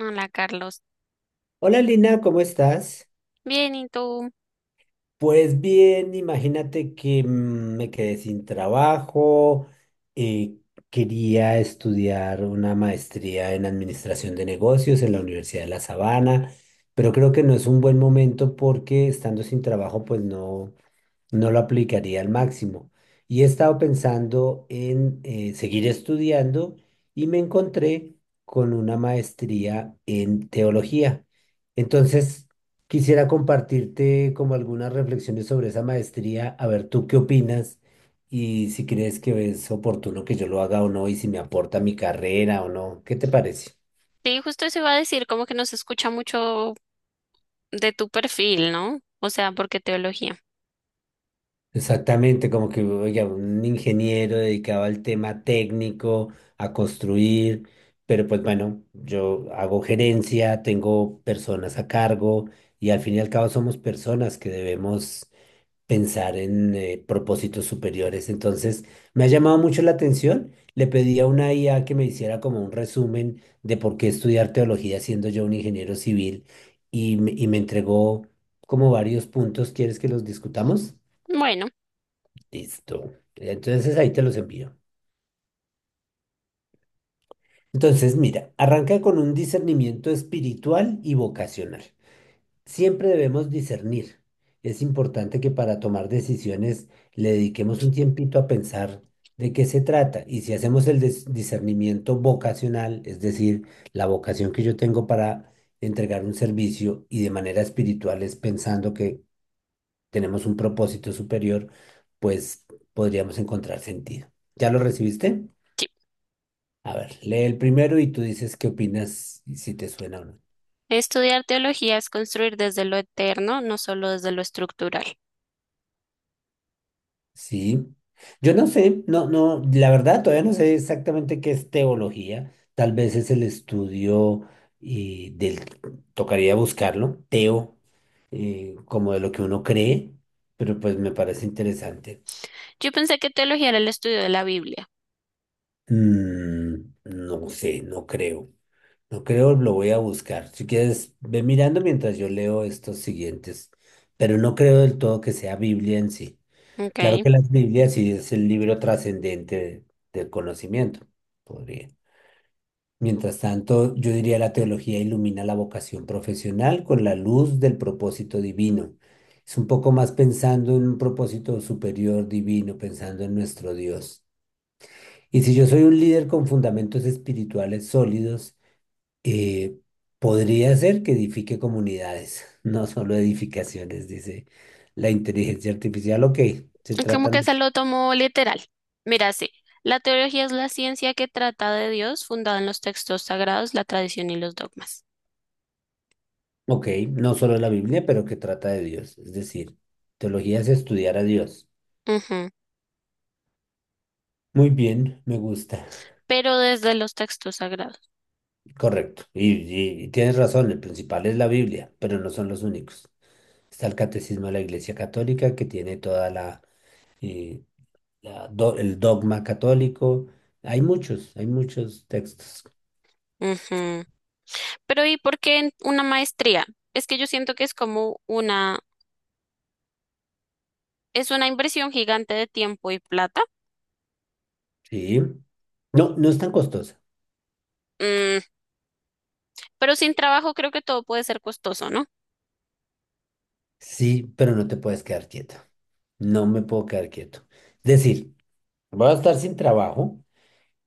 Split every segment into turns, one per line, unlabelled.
Hola Carlos,
Hola Lina, ¿cómo estás?
bien, ¿y tú?
Pues bien, imagínate que me quedé sin trabajo, eh, quería estudiar una maestría en administración de negocios en la Universidad de La Sabana, pero creo que no es un buen momento porque estando sin trabajo pues no, no lo aplicaría al máximo. Y he estado pensando en seguir estudiando y me encontré con una maestría en teología. Entonces, quisiera compartirte como algunas reflexiones sobre esa maestría, a ver tú qué opinas y si crees que es oportuno que yo lo haga o no y si me aporta mi carrera o no. ¿Qué te parece?
Sí, justo eso iba a decir, como que no se escucha mucho de tu perfil, ¿no? O sea, porque teología.
Exactamente, como que oiga, un ingeniero dedicado al tema técnico, a construir, pero pues bueno, yo hago gerencia, tengo personas a cargo y al fin y al cabo somos personas que debemos pensar en propósitos superiores. Entonces, me ha llamado mucho la atención. Le pedí a una IA que me hiciera como un resumen de por qué estudiar teología siendo yo un ingeniero civil y, y me entregó como varios puntos. ¿Quieres que los discutamos?
Bueno,
Listo. Entonces ahí te los envío. Entonces, mira, arranca con un discernimiento espiritual y vocacional. Siempre debemos discernir. Es importante que para tomar decisiones le dediquemos un tiempito a pensar de qué se trata. Y si hacemos el discernimiento vocacional, es decir, la vocación que yo tengo para entregar un servicio y de manera espiritual es pensando que tenemos un propósito superior, pues podríamos encontrar sentido. ¿Ya lo recibiste?
sí,
A ver, lee el primero y tú dices qué opinas y si te suena o no.
estudiar teología es construir desde lo eterno, no solo desde lo estructural.
Sí. Yo no sé, no, no, la verdad todavía no sé exactamente qué es teología. Tal vez es el estudio y del, tocaría buscarlo, teo, como de lo que uno cree, pero pues me parece interesante.
Yo pensé que teología era el estudio de la Biblia,
Mm, no sé, no creo. No creo, lo voy a buscar. Si quieres, ve mirando mientras yo leo estos siguientes, pero no creo del todo que sea Biblia en sí. Claro
¿ok?
que las Biblias sí es el libro trascendente del conocimiento, podría. Mientras tanto, yo diría la teología ilumina la vocación profesional con la luz del propósito divino. Es un poco más pensando en un propósito superior divino, pensando en nuestro Dios. Y si yo soy un líder con fundamentos espirituales sólidos, eh, podría ser que edifique comunidades, no solo edificaciones, dice la inteligencia artificial. Ok, se
Como
trata.
que se lo tomó literal. Mira, sí, la teología es la ciencia que trata de Dios, fundada en los textos sagrados, la tradición y los dogmas.
Ok, no solo la Biblia, pero que trata de Dios. Es decir, teología es estudiar a Dios.
Ujú.
Muy bien, me gusta.
Pero desde los textos sagrados.
Correcto. Y, y tienes razón, el principal es la Biblia, pero no son los únicos. Está el Catecismo de la Iglesia Católica, que tiene toda la, eh, la el dogma católico. Hay muchos textos.
Ujú. Pero ¿y por qué en una maestría? Es que yo siento que es como una, es una inversión gigante de tiempo y plata.
Sí. No, no es tan costosa.
Mm, pero sin trabajo creo que todo puede ser costoso, ¿no?
Sí, pero no te puedes quedar quieto. No me puedo quedar quieto. Es decir, voy a estar sin trabajo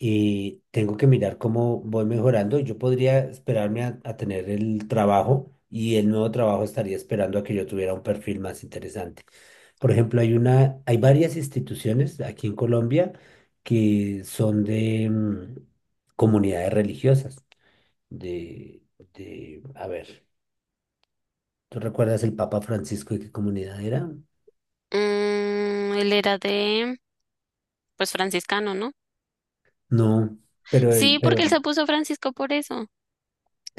y tengo que mirar cómo voy mejorando. Yo podría esperarme a tener el trabajo y el nuevo trabajo estaría esperando a que yo tuviera un perfil más interesante. Por ejemplo, hay varias instituciones aquí en Colombia que son de comunidades religiosas, de, de, a ver, ¿tú recuerdas el Papa Francisco de qué comunidad era?
Él era de, pues franciscano, ¿no?
No,
Sí, porque él
pero
se puso Francisco por eso.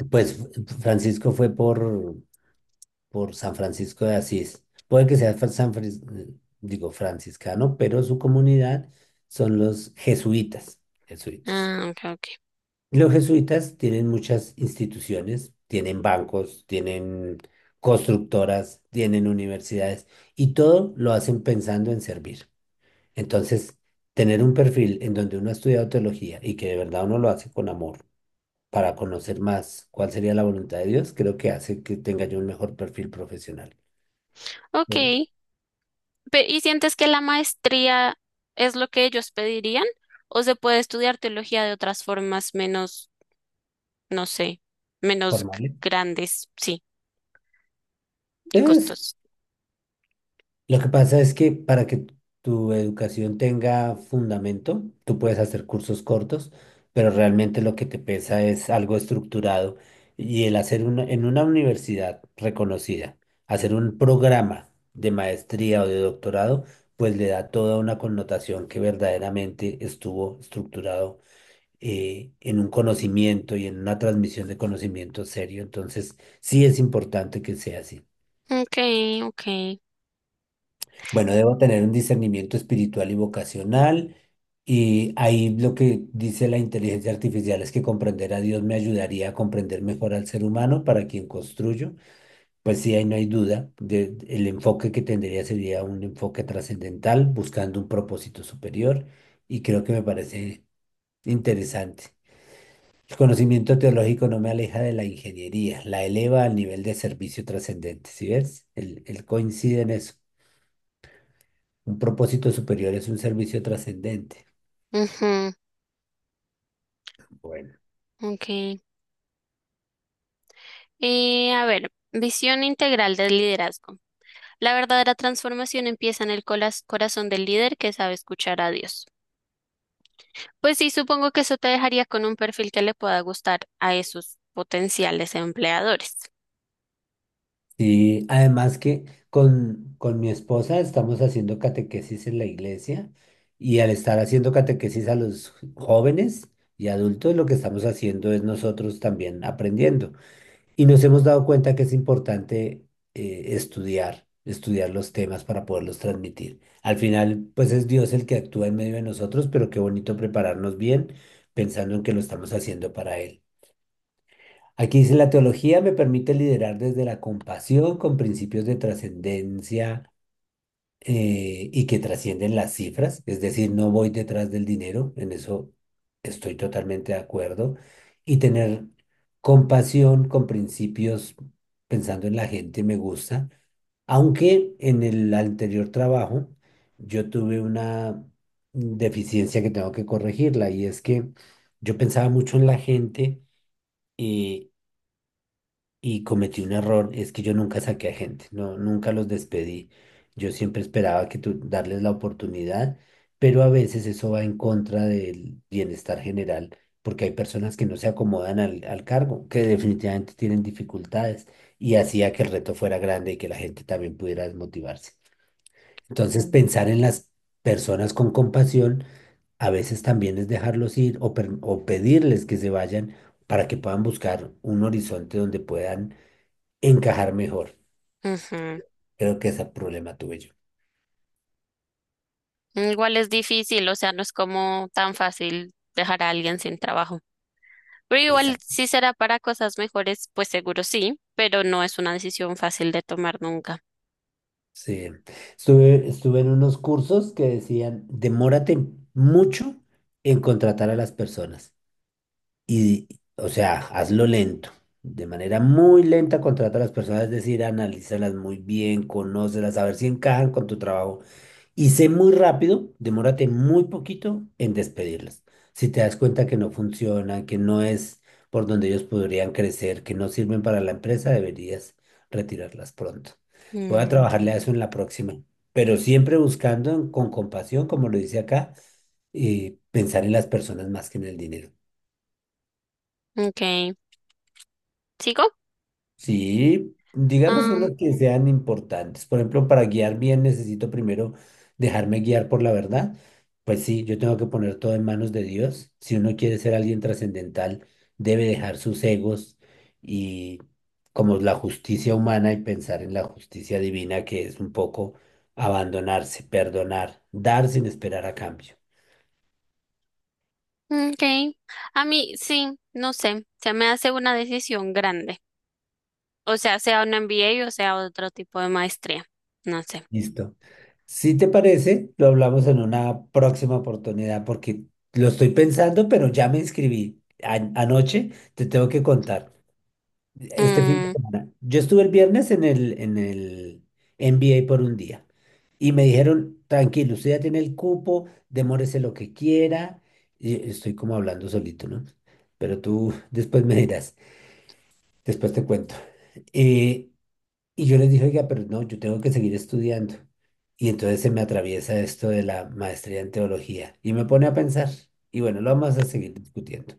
pues Francisco fue por San Francisco de Asís. Puede que sea franciscano, pero su comunidad son los jesuitas, jesuitas.
Ah, ok, ok.
Los jesuitas tienen muchas instituciones, tienen bancos, tienen constructoras, tienen universidades y todo lo hacen pensando en servir. Entonces, tener un perfil en donde uno ha estudiado teología y que de verdad uno lo hace con amor para conocer más cuál sería la voluntad de Dios, creo que hace que tenga yo un mejor perfil profesional.
Ok. ¿Y sientes que la maestría es lo que ellos pedirían? ¿O se puede estudiar teología de otras formas menos, no sé, menos
Formales.
grandes, sí, y
Es,
costos?
lo que pasa es que para que tu educación tenga fundamento, tú puedes hacer cursos cortos, pero realmente lo que te pesa es algo estructurado. Y el hacer una, en una universidad reconocida, hacer un programa de maestría o de doctorado, pues le da toda una connotación que verdaderamente estuvo estructurado en un conocimiento y en una transmisión de conocimiento serio. Entonces, sí es importante que sea así.
Ok, ok.
Bueno, debo tener un discernimiento espiritual y vocacional. Y ahí lo que dice la inteligencia artificial es que comprender a Dios me ayudaría a comprender mejor al ser humano para quien construyo. Pues sí, ahí no hay duda. El enfoque que tendría sería un enfoque trascendental, buscando un propósito superior. Y creo que me parece interesante. El conocimiento teológico no me aleja de la ingeniería, la eleva al nivel de servicio trascendente. ¿Sí ves? Él coincide en eso. Un propósito superior es un servicio trascendente.
Ujú,
Bueno.
ok. A ver, visión integral del liderazgo. La verdadera transformación empieza en el corazón del líder que sabe escuchar a Dios. Pues sí, supongo que eso te dejaría con un perfil que le pueda gustar a esos potenciales empleadores.
Sí, además que con mi esposa estamos haciendo catequesis en la iglesia y al estar haciendo catequesis a los jóvenes y adultos, lo que estamos haciendo es nosotros también aprendiendo. Y nos hemos dado cuenta que es importante estudiar los temas para poderlos transmitir. Al final, pues es Dios el que actúa en medio de nosotros, pero qué bonito prepararnos bien pensando en que lo estamos haciendo para Él. Aquí dice, la teología me permite liderar desde la compasión con principios de trascendencia y que trascienden las cifras, es decir, no voy detrás del dinero, en eso estoy totalmente de acuerdo, y tener compasión con principios pensando en la gente me gusta, aunque en el anterior trabajo yo tuve una deficiencia que tengo que corregirla y es que yo pensaba mucho en la gente. Eh, y cometí un error, es que yo nunca saqué a gente, no, nunca los despedí. Yo siempre esperaba que tú darles la oportunidad, pero a veces eso va en contra del bienestar general, porque hay personas que no se acomodan al cargo, que definitivamente tienen dificultades, y hacía que el reto fuera grande y que la gente también pudiera desmotivarse. Entonces, pensar en las personas con compasión a veces también es dejarlos ir o, o pedirles que se vayan para que puedan buscar un horizonte donde puedan encajar mejor.
Ujú.
Creo que ese problema tuve yo.
Igual es difícil, o sea, no es como tan fácil dejar a alguien sin trabajo. Pero igual
Exacto.
si será para cosas mejores, pues seguro sí, pero no es una decisión fácil de tomar nunca.
Sí. Estuve en unos cursos que decían, demórate mucho en contratar a las personas. Y, o sea, hazlo lento. De manera muy lenta contrata a las personas, es decir, analízalas muy bien, conócelas, a ver si encajan con tu trabajo. Y sé muy rápido, demórate muy poquito en despedirlas. Si te das cuenta que no funcionan, que no es por donde ellos podrían crecer, que no sirven para la empresa, deberías retirarlas pronto. Voy a
Mm,
trabajarle a eso en la próxima, pero siempre buscando con compasión, como lo dice acá, y pensar en las personas más que en el dinero.
ok. ¿Sigo?
Sí, digamos
Ah,
unos que sean importantes. Por ejemplo, para guiar bien necesito primero dejarme guiar por la verdad. Pues sí, yo tengo que poner todo en manos de Dios. Si uno quiere ser alguien trascendental, debe dejar sus egos y como la justicia humana y pensar en la justicia divina, que es un poco abandonarse, perdonar, dar sin esperar a cambio.
mm, okay. A mí sí, no sé, se me hace una decisión grande. O sea, sea un MBA o sea otro tipo de maestría. No sé.
Listo. Si te parece, lo hablamos en una próxima oportunidad porque lo estoy pensando, pero ya me inscribí. Anoche te tengo que contar. Este fin de
Mm,
semana. Yo estuve el viernes en el NBA por un día y me dijeron, tranquilo, usted ya tiene el cupo, demórese lo que quiera. Y estoy como hablando solito, ¿no? Pero tú después me dirás, después te cuento. Eh, y yo les dije, oiga, pero no, yo tengo que seguir estudiando. Y entonces se me atraviesa esto de la maestría en teología y me pone a pensar. Y bueno, lo vamos a seguir discutiendo.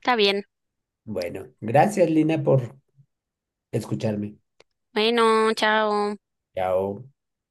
está bien.
Bueno, gracias Lina por escucharme.
Bueno, chao.
Chao.